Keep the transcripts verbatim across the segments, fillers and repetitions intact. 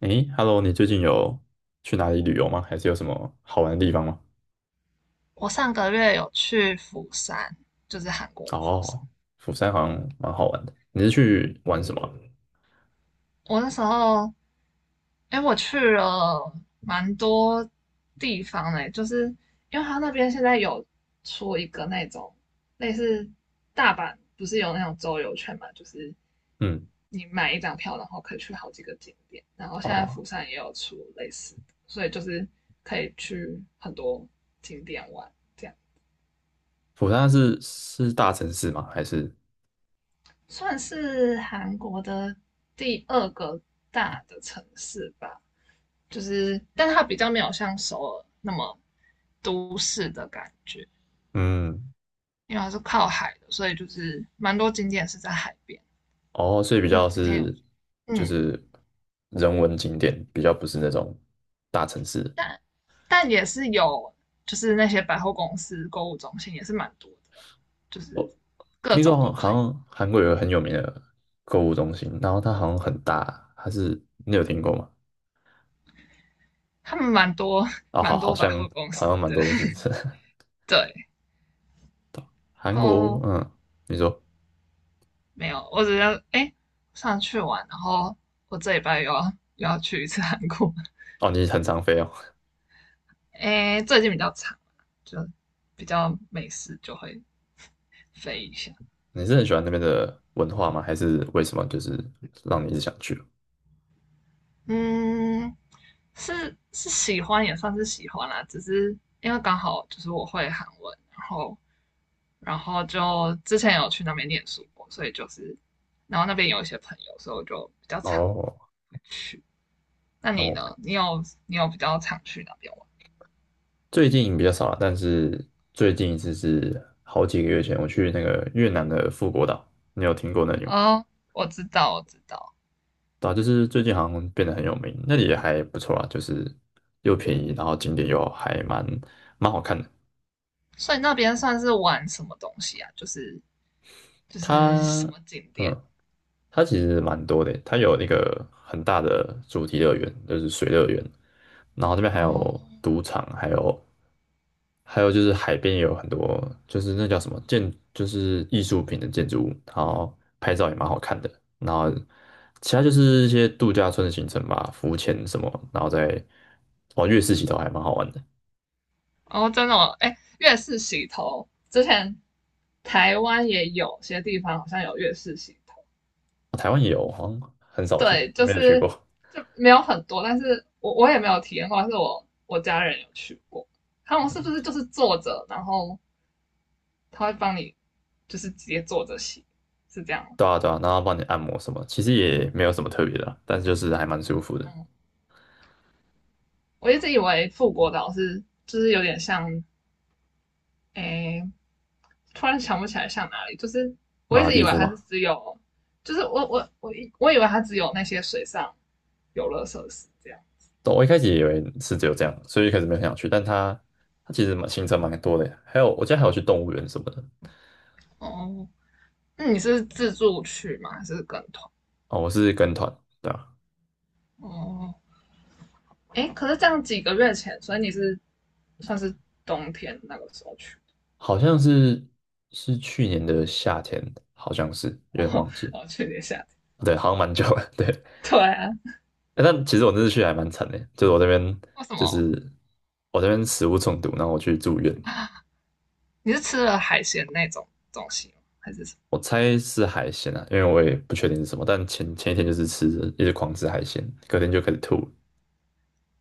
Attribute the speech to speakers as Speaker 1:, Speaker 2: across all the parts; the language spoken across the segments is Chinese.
Speaker 1: 诶，Hello，你最近有去哪里旅游吗？还是有什么好玩的地方吗？
Speaker 2: 我上个月有去釜山，就是韩国的釜山。
Speaker 1: 哦，釜山好像蛮好玩的。你是去玩什么？
Speaker 2: 我那时候，哎，我去了蛮多地方呢，就是因为他那边现在有出一个那种类似大阪，不是有那种周游券嘛，就是
Speaker 1: 嗯。
Speaker 2: 你买一张票，然后可以去好几个景点。然后现在
Speaker 1: 哦，
Speaker 2: 釜山也有出类似的，所以就是可以去很多景点玩。这样。
Speaker 1: 釜山是是大城市吗？还是
Speaker 2: 算是韩国的第二个大的城市吧，就是，但它比较没有像首尔那么都市的感觉，
Speaker 1: 嗯，
Speaker 2: 因为它是靠海的，所以就是蛮多景点是在海边。
Speaker 1: 哦，所以比
Speaker 2: 嗯，
Speaker 1: 较
Speaker 2: 之前有，
Speaker 1: 是就
Speaker 2: 嗯，
Speaker 1: 是人文景点，比较不是那种大城市。
Speaker 2: 但但也是有，就是那些百货公司、购物中心也是蛮多的，就是
Speaker 1: 我
Speaker 2: 各
Speaker 1: 听说
Speaker 2: 种
Speaker 1: 好
Speaker 2: 都
Speaker 1: 好
Speaker 2: 可以。
Speaker 1: 像韩国有个很有名的购物中心，然后它好像很大，还是你有听过吗？
Speaker 2: 他们蛮多
Speaker 1: 哦，好，
Speaker 2: 蛮
Speaker 1: 好
Speaker 2: 多百货
Speaker 1: 像
Speaker 2: 公
Speaker 1: 好
Speaker 2: 司
Speaker 1: 像蛮
Speaker 2: 的，
Speaker 1: 多都是这。
Speaker 2: 对，然
Speaker 1: 韩国，
Speaker 2: 后
Speaker 1: 嗯。你说，
Speaker 2: 没有，我只要哎上去玩，然后我这礼拜又要又要去一次韩国，
Speaker 1: 哦，你很常飞哦。
Speaker 2: 哎最近比较长，就比较没事就会飞一下。
Speaker 1: 你是很喜欢那边的文化吗？还是为什么就是让你一直想去？
Speaker 2: 嗯，是是喜欢也算是喜欢啦，只是因为刚好就是我会韩文，然后然后就之前有去那边念书过，所以就是然后那边有一些朋友，所以我就比较常
Speaker 1: 哦。
Speaker 2: 去。那你
Speaker 1: 哦，
Speaker 2: 呢？你有你有比较常去那边玩？
Speaker 1: 最近比较少了，但是最近一次是好几个月前，我去那个越南的富国岛，你有听过那里吗？
Speaker 2: 哦，我知道，我知道。
Speaker 1: 对啊，就是最近好像变得很有名，那里也还不错啊，就是又便宜，然后景点又还蛮蛮好看的。
Speaker 2: 所以那边算是玩什么东西啊？就是就是，什
Speaker 1: 它，
Speaker 2: 么景点。
Speaker 1: 嗯，它其实蛮多的，它有那个很大的主题乐园，就是水乐园，然后这边还
Speaker 2: 哦
Speaker 1: 有赌场，还有还有就是海边也有很多，就是那叫什么建，就是艺术品的建筑物，然后拍照也蛮好看的。然后其他就是一些度假村的行程吧，浮潜什么，然后再哦月式洗头还蛮好玩的。
Speaker 2: 哦，真的哦，哎，月式洗头之前台湾也有些地方好像有月式洗头。
Speaker 1: 台湾也有，好像很少去，
Speaker 2: 对，就
Speaker 1: 没有去
Speaker 2: 是
Speaker 1: 过。
Speaker 2: 就没有很多，但是我我也没有体验过，但是我我家人有去过，他们是不
Speaker 1: 嗯。
Speaker 2: 是就是坐着，然后他会帮你就是直接坐着洗，是这样吗？
Speaker 1: 对啊对啊，然后帮你按摩什么，其实也没有什么特别的啊但是就是还蛮舒服的。
Speaker 2: 嗯，我一直以为富国岛是就是有点像，诶突然想不起来像哪里，就是我
Speaker 1: 马
Speaker 2: 一
Speaker 1: 尔
Speaker 2: 直以
Speaker 1: 地
Speaker 2: 为
Speaker 1: 夫
Speaker 2: 它是
Speaker 1: 嘛。
Speaker 2: 只有，就是我我我以我以为它只有那些水上游乐设施这样。
Speaker 1: 对我一开始以为是只有这样，所以一开始没有很想去，但它它其实蛮行程蛮多的耶还有我记得还有去动物园什么的。
Speaker 2: 哦，那你是自助去吗？还是跟团？
Speaker 1: 哦，我是跟团，对吧？
Speaker 2: 哦，哎，可是这样几个月前，所以你是算是冬天那个时候去。
Speaker 1: 好像是是去年的夏天，好像是有点
Speaker 2: 哦，
Speaker 1: 忘记。
Speaker 2: 后去年夏天。
Speaker 1: 对，好像蛮久了。对。
Speaker 2: 对啊。
Speaker 1: 欸但其实我那次去还蛮惨的，就是我这边
Speaker 2: 为什
Speaker 1: 就
Speaker 2: 么？
Speaker 1: 是我这边食物中毒，然后我去住院。
Speaker 2: 你是吃了海鲜那种东西吗？还是什
Speaker 1: 我猜是海鲜啊，因为我也不确定是什么，但前前一天就是吃，一直狂吃海鲜，隔天就开始吐了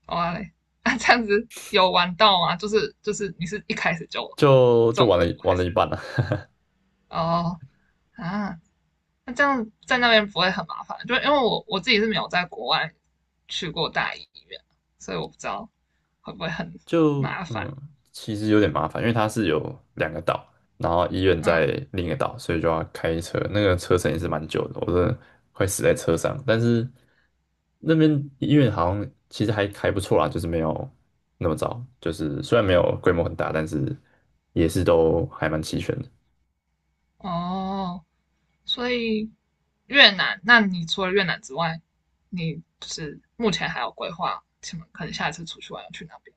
Speaker 2: 么？哦嘞，啊，这样子有玩到吗？就是就是，你是一开始就
Speaker 1: 就就
Speaker 2: 中
Speaker 1: 玩了
Speaker 2: 毒
Speaker 1: 一玩
Speaker 2: 还
Speaker 1: 了一
Speaker 2: 是？
Speaker 1: 半了、
Speaker 2: 哦，啊，那这样在那边不会很麻烦？就因为我我自己是没有在国外去过大医院，所以我不知道会不会很
Speaker 1: 就
Speaker 2: 麻烦。
Speaker 1: 嗯，其实有点麻烦，因为它是有两个岛，然后医院在
Speaker 2: 嗯，
Speaker 1: 另一个岛，所以就要开车，那个车程也是蛮久的，我真的快死在车上。但是那边医院好像其实还还不错啦，就是没有那么糟，就是虽然没有规模很大，但是也是都还蛮齐全的。
Speaker 2: 哦，所以越南，那你除了越南之外，你就是目前还有规划什么？可能下一次出去玩要去哪边？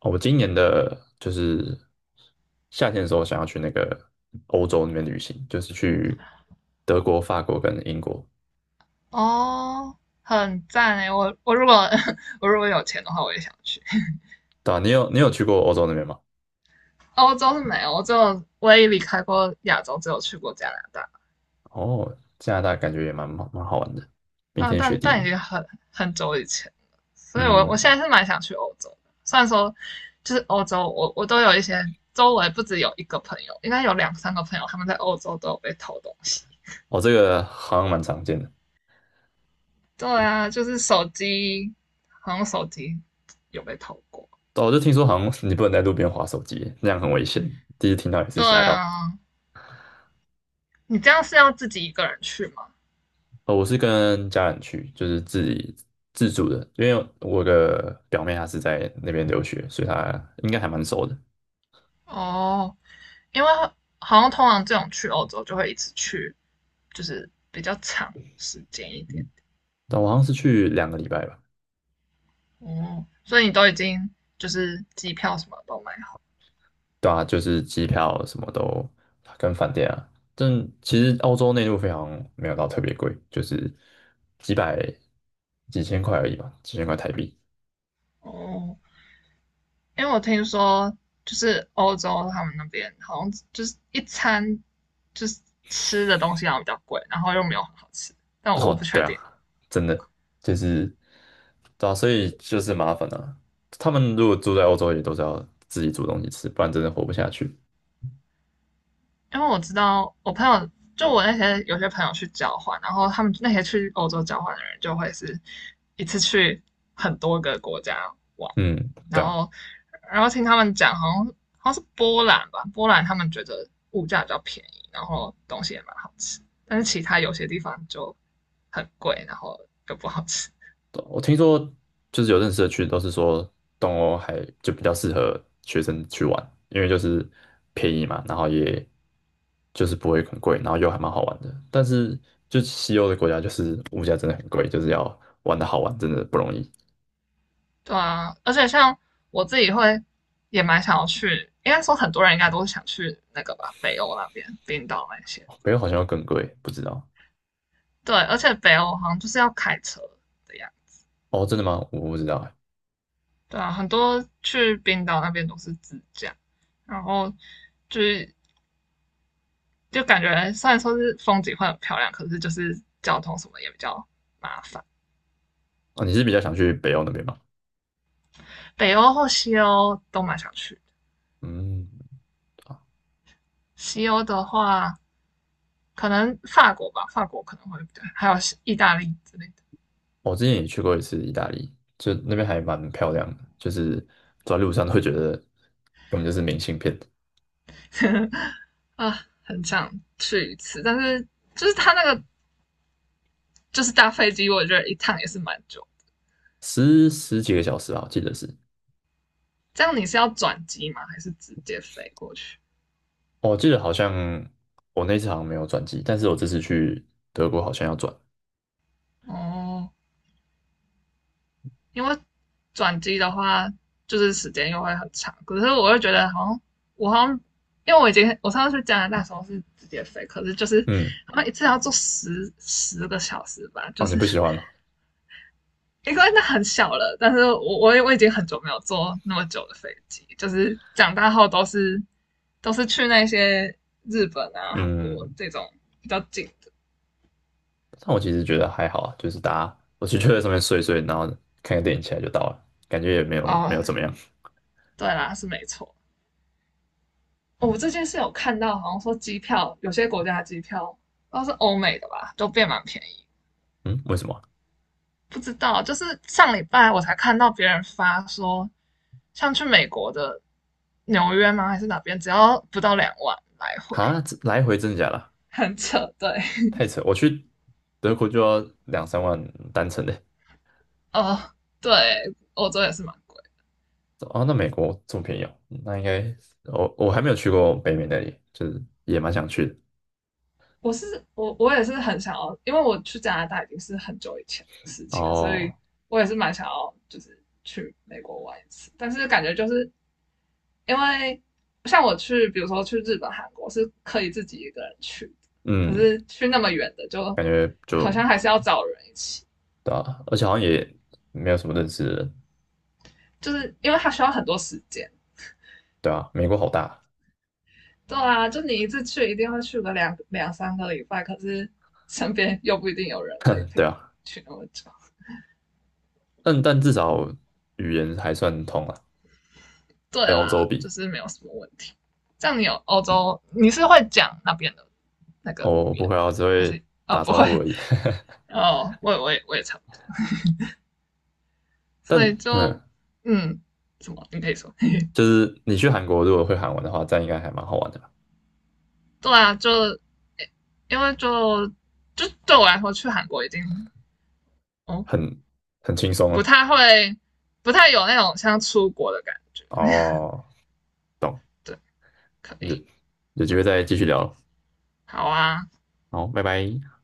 Speaker 1: 哦，我今年的就是夏天的时候想要去那个欧洲那边旅行，就是去德国、法国跟英国。
Speaker 2: 哦，很赞诶，我我如果 我如果有钱的话，我也想去。
Speaker 1: 对啊，你有你有去过欧洲那边吗？
Speaker 2: 欧洲是没有，我只有唯一离开过亚洲，只有去过加拿大。
Speaker 1: 哦，加拿大感觉也蛮蛮蛮好玩的，冰
Speaker 2: 啊，
Speaker 1: 天雪
Speaker 2: 但
Speaker 1: 地
Speaker 2: 但
Speaker 1: 的。
Speaker 2: 已经很很久以前了，所以我我
Speaker 1: 嗯。
Speaker 2: 现在是蛮想去欧洲的。虽然说就是欧洲，我我都有一些，周围不止有一个朋友，应该有两三个朋友他们在欧洲都有被偷东西。
Speaker 1: 哦，这个好像蛮常见的。
Speaker 2: 对啊，就是手机，好像手机有被偷过。
Speaker 1: 哦，我就听说好像你不能在路边滑手机，那样很危险。第一次听到也是
Speaker 2: 对
Speaker 1: 吓到。
Speaker 2: 啊，你这样是要自己一个人去吗？
Speaker 1: 哦，我是跟家人去，就是自己自助的，因为我的表妹她是在那边留学，所以她应该还蛮熟的。
Speaker 2: 哦，因为好像通常这种去欧洲就会一直去，就是比较长时间一点。
Speaker 1: 但我好像是去两个礼拜吧。
Speaker 2: 哦，所以你都已经就是机票什么都买
Speaker 1: 对啊，就是机票什么都跟饭店啊，但其实澳洲内陆非常没有到特别贵，就是几百几千块而已吧，几千块台币。
Speaker 2: 好哦。因为我听说就是欧洲他们那边好像就是一餐就是吃的东西好像比较贵，然后又没有很好吃，但我我不
Speaker 1: 哦，对
Speaker 2: 确
Speaker 1: 啊，
Speaker 2: 定。
Speaker 1: 真的就是对啊，所以就是麻烦啊。他们如果住在欧洲，也都是要自己煮东西吃，不然真的活不下去。
Speaker 2: 因为我知道我朋友，就我那些有些朋友去交换，然后他们那些去欧洲交换的人，就会是一次去很多个国家玩，
Speaker 1: 嗯，对
Speaker 2: 然
Speaker 1: 啊。
Speaker 2: 后然后听他们讲，好像好像是波兰吧，波兰他们觉得物价比较便宜，然后东西也蛮好吃，但是其他有些地方就很贵，然后就不好吃。
Speaker 1: 对啊我听说就是有认识的去都是说东欧还就比较适合学生去玩，因为就是便宜嘛，然后也就是不会很贵，然后又还蛮好玩的。但是就西欧的国家就是物价真的很贵，就是要玩的好玩真的不容易。
Speaker 2: 对啊，而且像我自己会也蛮想要去，应该说很多人应该都想去那个吧，北欧那边，冰岛那些。
Speaker 1: 哦北欧好像要更贵，不知道。
Speaker 2: 对，而且北欧好像就是要开车的样子。
Speaker 1: 哦，真的吗？我不知道哎。
Speaker 2: 对啊，很多去冰岛那边都是自驾，然后就是就感觉虽然说是风景会很漂亮，可是就是交通什么也比较麻烦。
Speaker 1: 哦，你是比较想去北欧那边吗？
Speaker 2: 北欧或西欧都蛮想去。
Speaker 1: 嗯。
Speaker 2: 西欧的话，可能法国吧，法国可能会，对，还有意大利之类的。
Speaker 1: 我之前也去过一次意大利，就那边还蛮漂亮的，就是走在路上都会觉得根本就是明信片。
Speaker 2: 啊，很想去一次。但是就是它那个就是搭飞机，我觉得一趟也是蛮久。
Speaker 1: 十十几个小时啊，我记得是。
Speaker 2: 这样你是要转机吗？还是直接飞过去？
Speaker 1: 哦我记得好像我那次好像没有转机，但是我这次去德国好像要转。
Speaker 2: 哦，因为转机的话，就是时间又会很长。可是我又觉得好像我好像，因为我已经，我上次去加拿大的时候是直接飞，可是就是
Speaker 1: 嗯。
Speaker 2: 好像一次要坐十十个小时吧，就
Speaker 1: 哦，你
Speaker 2: 是
Speaker 1: 不喜欢吗？
Speaker 2: 因为那很小了。但是我我我已经很久没有坐那么久的飞机，就是长大后都是都是去那些日本啊、韩国
Speaker 1: 嗯。
Speaker 2: 这种比较近的。
Speaker 1: 但我其实觉得还好啊，就是大家，我就 就在上面睡一睡，然后看个电影起来就到了，感觉也没有没
Speaker 2: 哦，
Speaker 1: 有怎么样。
Speaker 2: 对啦，是没错。哦，我最近是有看到，好像说机票，有些国家的机票，都是欧美的吧，都变蛮便宜。
Speaker 1: 嗯，为什么？
Speaker 2: 不知道，就是上礼拜我才看到别人发说，像去美国的纽约吗？还是哪边，只要不到两万来回，
Speaker 1: 啊？啊这来回真的假的？
Speaker 2: 很扯。对。
Speaker 1: 太扯，我去德国就要两三万单程的。
Speaker 2: 哦，对，欧洲也是蛮贵。
Speaker 1: 哦，那美国这么便宜哦？那应该我我还没有去过北美那里，就是也蛮想去的。
Speaker 2: 我是我我也是很想要，因为我去加拿大已经是很久以前的事情了，所以
Speaker 1: 哦。
Speaker 2: 我也是蛮想要就是去美国玩一次，但是感觉就是，因为像我去，比如说去日本、韩国是可以自己一个人去的，可
Speaker 1: 嗯，
Speaker 2: 是去那么远的就
Speaker 1: 感觉
Speaker 2: 好
Speaker 1: 就
Speaker 2: 像还是要找人一起，
Speaker 1: 对啊，而且好像也没有什么认识的人。
Speaker 2: 就是因为他需要很多时间。
Speaker 1: 对啊，美国好大。
Speaker 2: 对啊，就你一次去一定会去个两两三个礼拜，可是身边又不一定有人可以 陪
Speaker 1: 对
Speaker 2: 你
Speaker 1: 啊，
Speaker 2: 去那么久。
Speaker 1: 但但至少语言还算通啊，
Speaker 2: 对
Speaker 1: 跟欧洲
Speaker 2: 啦，就
Speaker 1: 比。
Speaker 2: 是没有什么问题。这样你有，欧洲，你是会讲那边的那个语
Speaker 1: 我不
Speaker 2: 言
Speaker 1: 会啊，
Speaker 2: 吗？
Speaker 1: 我只
Speaker 2: 还
Speaker 1: 会
Speaker 2: 是哦
Speaker 1: 打
Speaker 2: 不
Speaker 1: 招
Speaker 2: 会？
Speaker 1: 呼而已。
Speaker 2: 哦，我也我也我也差不多，所
Speaker 1: 但
Speaker 2: 以就，
Speaker 1: 嗯，
Speaker 2: 嗯，什么你可以说？
Speaker 1: 就是你去韩国如果会韩文的话，这样应该还蛮好玩的吧，
Speaker 2: 对啊，就因为就就对我来说，去韩国已经哦
Speaker 1: 很很轻松
Speaker 2: 不
Speaker 1: 啊。
Speaker 2: 太会，不太有那种像出国的感觉。
Speaker 1: 哦，
Speaker 2: 对，可
Speaker 1: 有
Speaker 2: 以，
Speaker 1: 有机会再继续聊。
Speaker 2: 好啊，
Speaker 1: 好，拜拜。